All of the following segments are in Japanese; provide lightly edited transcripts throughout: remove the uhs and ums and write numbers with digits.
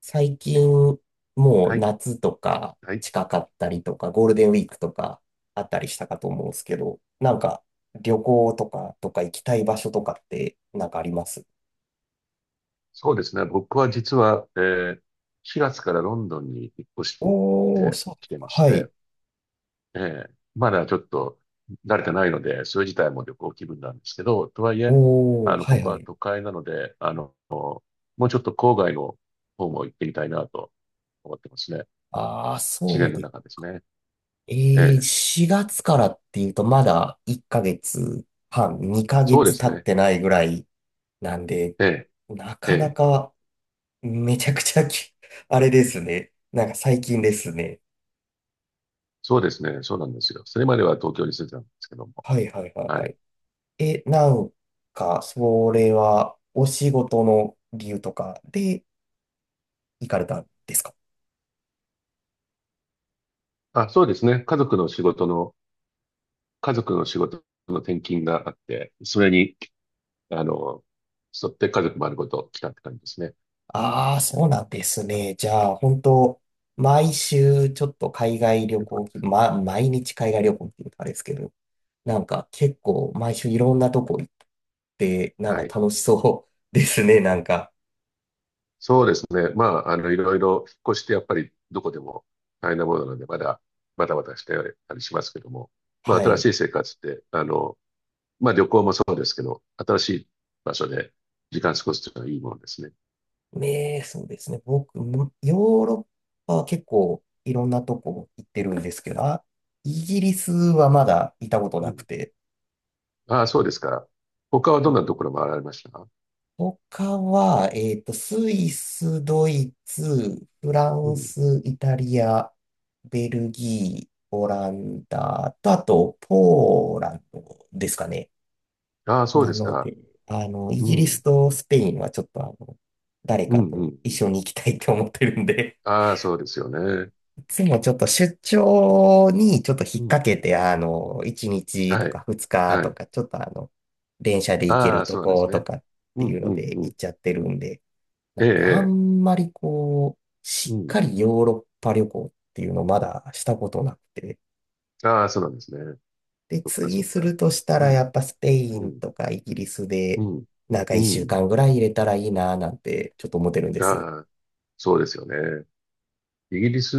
最近、もうはい、夏とかはい。近かったりとか、ゴールデンウィークとかあったりしたかと思うんですけど、なんか旅行とか行きたい場所とかってなんかあります？そうですね。僕は実は、4月からロンドンに引っ越しおー、てそうできすてか。ましはい。て、まだちょっと慣れてないので、それ自体も旅行気分なんですけど、とはいえ、おー、はこいこははい。都会なので、もうちょっと郊外の方も行ってみたいなと思ってますね。あー、自そう然のです。中ですね。ええー、4月からっていうとまだ1ヶ月半、2ヶそうで月す経っね。てないぐらいなんで、えなー、かなえー、かめちゃくちゃき、あれですね。なんか最近ですね。そうですね。そうなんですよ。それまでは東京に住んでたんですけども。はいはいはいははい。い。え、なんか、それは、お仕事の理由とかで行かれたんですか？あ、そうですね。家族の仕事の転勤があって、それに、あの、沿って家族丸ごと来たって感じですね。ああー、そうなんですね。じゃあ、本当毎週ちょっと海外旅えっと行気、ま、毎日海外旅行っていうとあれですけど、なんか結構毎週いろんなとこ行って、なんかはい。楽しそうですね、なんか。そうですね。まあ、いろいろ引っ越しってやっぱりどこでも大変なものなので、まだ、バタバタしてたりしますけども、まあ、は新しい。い生活って、まあ、旅行もそうですけど、新しい場所で時間過ごすというのはいいものですね。ねえ、そうですね。僕も、ヨーロッパは結構いろんなとこ行ってるんですけど、あ、イギリスはまだ行ったことうなくん。て、ああ、そうですか。他はどんなところ回られました？他は、スイス、ドイツ、フラうンん。ス、イタリア、ベルギー、オランダと、あと、ポーランドですかね。ああ、そうなですのか。で、あの、イうギリスん。とスペインはちょっとあの、誰うん、かうとん、一うん。緒に行きたいと思ってるんでああ、そうですよね。つもちょっと出張にちょっと引っう掛ん。けて、あの、1日とはかい。2日はとい。か、ちょっとあの、電車で行けあるあ、とそうなんですことね。かってういん、うのうん、でう行っん、ちゃってるんで、えなのであえ、ええ、んまりこう、うしっん、かりヨーロッパ旅行っていうのまだしたことなくて、ああ、そうなんですね。で、そっか、次そっすか。るとしたうらやん、っぱスペイうンん、とかイギリスうで、ん、なんかう1週ん。間ぐらい入れたらいいななんてちょっと思ってるんです。ああ、そうですよね。イギリス、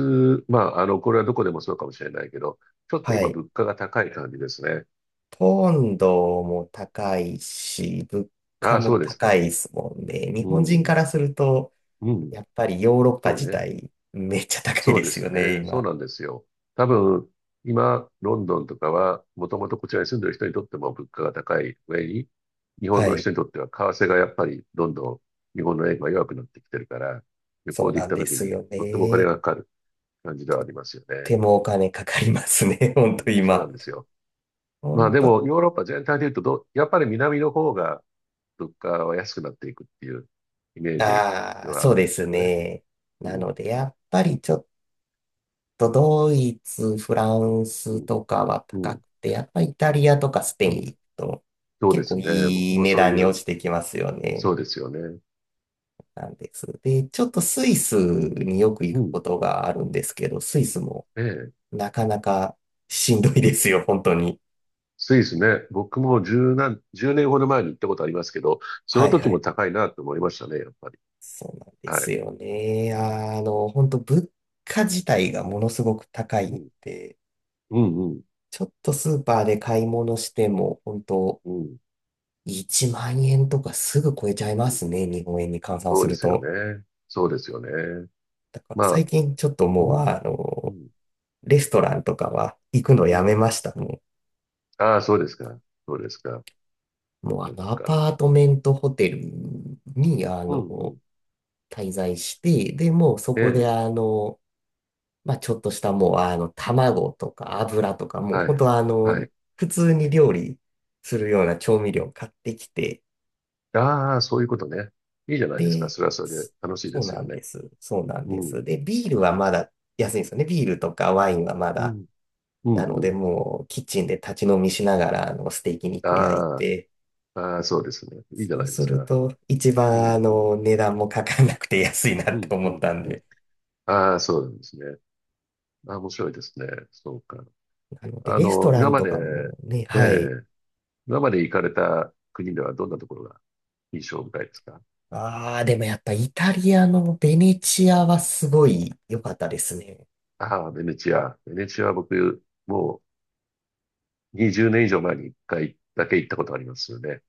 まあ、これはどこでもそうかもしれないけど、ちょっとは今い。物価が高い感じですね。ポンドも高いし、物価ああ、そもうです高いか。ですもんね。日う本人かん、らすると、うん、やっぱりヨーロッパそう自ね。体めっちゃ高いそでうですすよね、ね。そう今。なんですよ。多分、今、ロンドンとかは、もともとこちらに住んでる人にとっても物価が高い上に、日本はのい。人にとっては為替がやっぱりどんどん日本の円が弱くなってきてるから、旅そ行うで行なっんたで時すによとってもお金ね。がかかる感じではありますよね。手もお金かかりますね、うほんとん、そうな今。んですよ。ほまあんでと、も、ヨーロッパ全体で言うとど、やっぱり南の方が物価は安くなっていくっていうイメージあであ、はあそうるんでですすけどね。ね。うなん、ので、やっぱりちょっとドイツ、フランうスん、とかはう高ん、くて、やっぱりイタリアとかスペイうンん。行くとそうで結構すね。僕いいも値そう段いにう落ちてきますよね。そうですよね。なんです。で、ちょっとスイスによく行うくん。ことがあるんですけど、スイスもええ。なかなかしんどいですよ、本当に。スイスね。僕も10年ほど前に行ったことありますけど、そはのい時はもい。高いなと思いましたね、やっぱり。そうなんではすい。よね。あの、本当物価自体がものすごく高いうんん。で、うん、うん、ちょっとスーパーで買い物しても、本当うん。1万円とかすぐ超えちゃいうまん、すね、日本円に換算そすうでるすよと。ね。そうですよね。だからま最あ、近ちょっとうもう、ん、あうの、ん、レストランとかは行くのうやめん。ました。もうああ、そうですか。そうですか。そっもうあか、そっの、アか。パートメントホテルに、あうの、ん、うん。滞在して、で、もうそえこで、え。あの、まあ、ちょっとしたもう、あの、卵とか油とか、もうは本い。当あはの、い。普通に料理するような調味料買ってきて、ああ、そういうことね。いいじゃないですか。で、それはそれでそ楽しいそでうすなよんね。です。そうなんでうん、す。で、ビールはまだ安いんですよね。ビールとかワインはまうだ。ん、うなん、のうで、ん。もう、キッチンで立ち飲みしながら、あの、ステーキ肉焼いああ。て、ああ、そうですね。いいじゃそなういですするか。と、市うん、う場ん、の値段もかかんなくて安いなうってん、思うっん、たんうん。で。ああ、そうなんですね。ああ、面白いですね。そうか。なので、レストラ今ンまとで、かもね、えはい。え、今まで行かれた国ではどんなところが印象深いですか？ああ、でもやっぱイタリアのベネチアはすごい良かったですね。ああ、ベネチア。ベネチアは僕、もう20年以上前に1回だけ行ったことありますよね。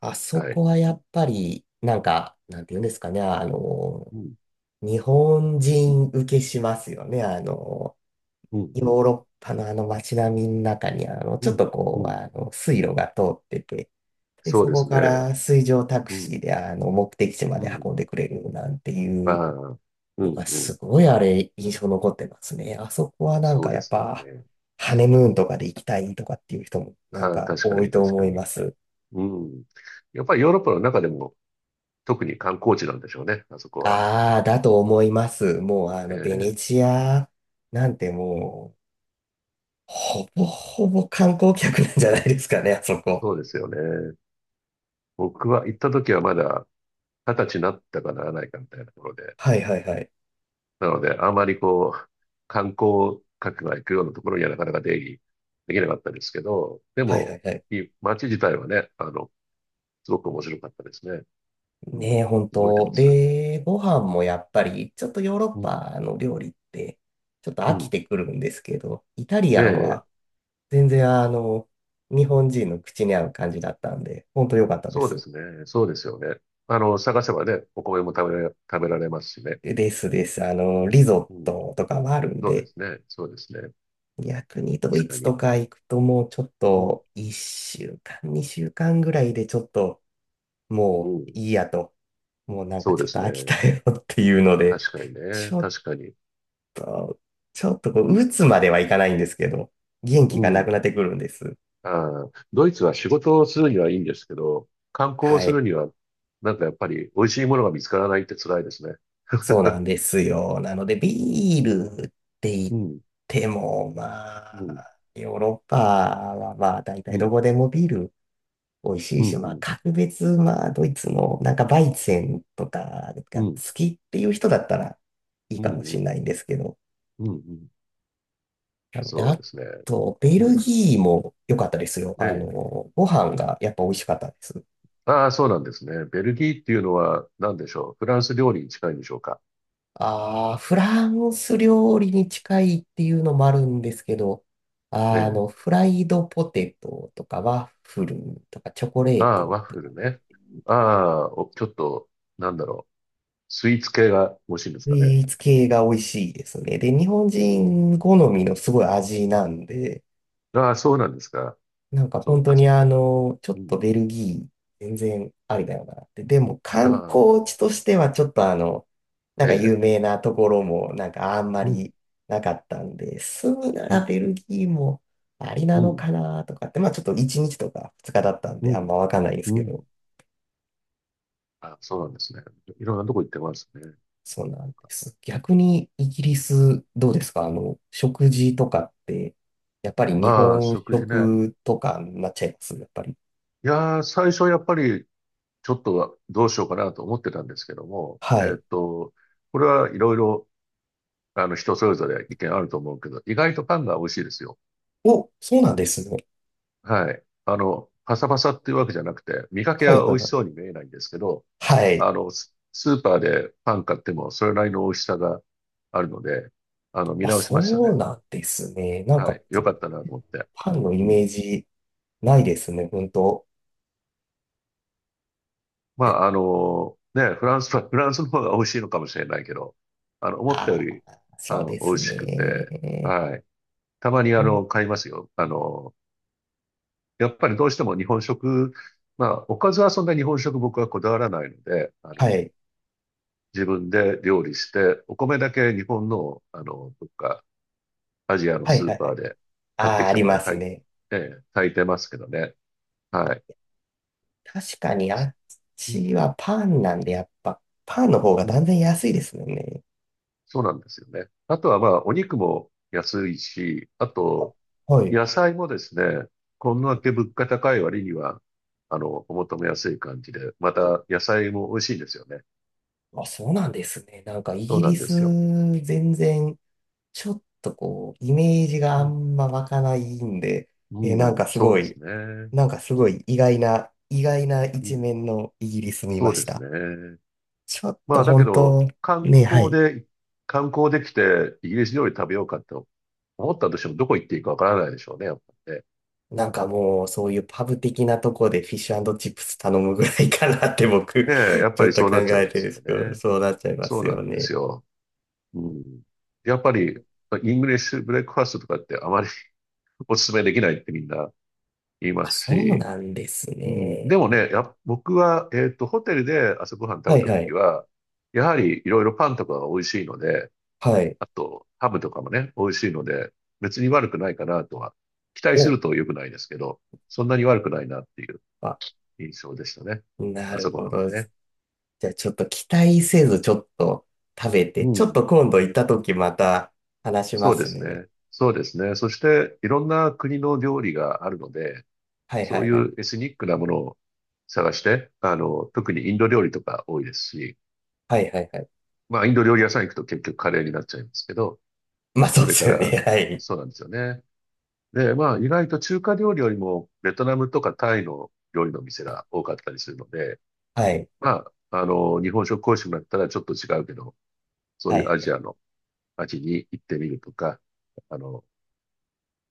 あそはい。こはやっぱり、なんか、なんて言うんですかね、あの、うん、日本人受けしますよね。あの、うん、ヨうん、ーロッパのあの街並みの中に、あの、うちょっん、とこうう、ん。あの、水路が通ってて、で、そうそでこすかね。ら水上タクうシーん、であの目的地まうで運ん。んでくれるなんてあいうあ、うのがん、うん。すごいあれ印象残ってますね。あそこはなんそかうでやっすよぱね。ハネムーンとかで行きたいとかっていう人もなんああ、か確多かいにと確思かいに。ます。うん。やっぱりヨーロッパの中でも特に観光地なんでしょうね、あそこは。ああ、だと思います。もうあえのベネーチアなんてもうほぼほぼ観光客なんじゃないですかね、あそこ。そうですよね。僕は行った時はまだ二十歳になったかならないかみたいなところで。はいはいはい。なので、あまりこう、観光客が行くようなところにはなかなか出入りできなかったですけど、ではいはいも、はい。いい街自体はね、すごく面白かったですね。うん。ねえ、本覚えて当。ます。で、ご飯もやっぱり、ちょっとヨーロッうん。パの料理って、ちょっとう飽きん。てくるんですけど、イタリアンで、は全然あの、日本人の口に合う感じだったんで、本当良かったでそうです。すね。そうですよね。探せばね、お米も食べられますしね。ですです。あの、リゾうッん。トとかもあるんそうでで、すね。そうですね。逆にド確イかツとに。か行くともうちょっうん。と、1週間、2週間ぐらいでちょっと、うもうん。いいやと、もうなんかそうでちょっすとね。飽きたよっていうので、確かにね。ちょっ確かに。と、ちょっとこう、打つまではいかないんですけど、元気うがなくなっん。てくるんです。あー、ドイツは仕事をするにはいいんですけど、観光をはすい。るには、なんかやっぱり美味しいものが見つからないって辛いですね。そうなんですよ。なので、うん。ビールって言っうん。ても、まうん。あ、ヨーロッパはまあ、大体うどん。こでもビール美味しいうん。し、まうあ、ん。格別、まあ、ドイツのなんかバイツェンとかうが好ん。きっていう人だったらいいうかもしれん。ないんですけど。うん。うん、なので、そうあですね。と、ベうルん。ギーも良かったですよ。えあえ。の、ご飯がやっぱ美味しかったです。ああ、そうなんですね。ベルギーっていうのは何でしょう。フランス料理に近いんでしょうか。ああ、フランス料理に近いっていうのもあるんですけど、えあえ。の、フライドポテトとかワッフルとかチョコレあーあ、ワト、ッフルね。ああ、お、ちょっと、なんだろう。スイーツ系が欲しいんですスかね。イーツ系が美味しいですうね。で、ん。日本う人ん、好みのすごい味なんで、ああ、そうなんですか。なんかそっ本当かそにっあか。の、ちょっうとん。ベルギー、全然ありだよなって。でもあ観光あ、地としてはちょっとあの、なんえか有え。名なところもなんかあんまうん、りなかったんで、住むなうらん、ベルギーもありなうのん、かなとかって、まあちょっと1日とか2日だったんうであんん、まわかんないんですうけど、ん。あ、そうなんですね。いろんなとこ行ってますね。そうなんです。逆にイギリスどうですかあの、食事とかって、やっぱり日ああ、本食事ね。食とかになっちゃいますやっぱり。いやー、最初やっぱり、ちょっとはどうしようかなと思ってたんですけども、はい。これはいろいろ、人それぞれ意見あると思うけど、意外とパンが美味しいですよ。お、そうなんですね。はい。パサパサっていうわけじゃなくて、見かけはいはは美い味はしそういに見えないんですけど、はい。ススーパーでパン買ってもそれなりの美味しさがあるので、見あ、直しましたそうね。なんですね。なんはか、い。よかったなと思って。パンのイうメん。ージないですね、本当。まで、あ、フランスは、フランスの方が美味しいのかもしれないけど、思ったよありあ、パそうでン美味すしくて、ね。はい。たまにうん、買いますよ。やっぱりどうしても日本食、まあ、おかずはそんな日本食僕はこだわらないので、はい。自分で料理して、お米だけ日本の、どっかアジアのはいスはーいはパーい。であ買ってあ、きあたりものまをす炊い、ね。ええ炊いてますけどね。はい。確かに、あっうん、ちはパンなんで、やっぱ、パンの方がう断ん。然安いですよね。そうなんですよね。あとはまあ、お肉も安いし、ああと、はい。野菜もですね、こんだけ物価高い割には、お求めやすい感じで、まお、た野菜も美味しいんですよね。あ、そうなんですね。なんか、イそうギなリんでス、すよ。全然、ちょっとこう、イメージがうあん、んま湧かないんで、なんうかん、すそうごでい、すね。意外な、う一ん、面のイギリス見そまうでしすた。ね。ちょっまとあ、だけ本ど、当、観ね、は光い。で、観光できて、イギリス料理食べようかと思ったとしても、どこ行っていいかわからないでしょうね、やっぱりね。なんかもうそういうパブ的なとこでフィッシュチップス頼むぐらいかなって僕、ねえ、や っちぱょっりとそう考なっちゃいえまてるすんでよすけど、ね。そうなっちゃいまそうすなよんでね。すよ。うん。やっぱり、イングリッシュブレックファーストとかってあまり お勧めできないってみんな言いまあ、すそうし、なんですうん。でもね。ね、僕は、ホテルで朝ごはん食はべいたとはきい。は、やはりいろいろパンとかが美味しいので、はい。あと、ハムとかもね、美味しいので、別に悪くないかなとは、期待すお、ると良くないですけど、そんなに悪くないなっていうあ、印象でしたね。な朝るごほはんど。じね。ゃあちょっと期待せずちょっと食べうて、ちょっん。と今度行った時また話しまそうですすね。ね。そうですね。そして、いろんな国の料理があるので、はいはそういいはい。うエスニックなものを探して、特にインド料理とか多いですし、はいはいはい。まあ、インド料理屋さん行くと結局カレーになっちゃいますけど、まあそうそでれかすよね。ら、はい。そうなんですよね。で、まあ、意外と中華料理よりも、ベトナムとかタイの料理の店が多かったりするので、はい。まあ、日本食講師もだったらちょっと違うけど、そうはいうアい。ジアの街に行ってみるとか、あの、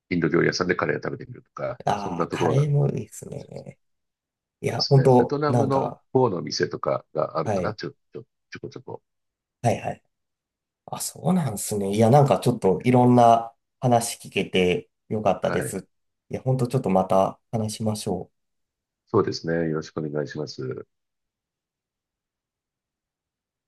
インド料理屋さんでカレーを食べてみるとか、そんああ、なとこカろなレんーかもいいですもしれね。いないでや、すね。本そうですね。ベト当ナなムんのか、方の店とかがあるはかな、い。ちょこちょこ。はいはい。あ、そうなんですね。いや、なんかちょっといろんな話聞けてよかったではい。す。いや、本当ちょっとまた話しましょう。そうですね。よろしくお願いします。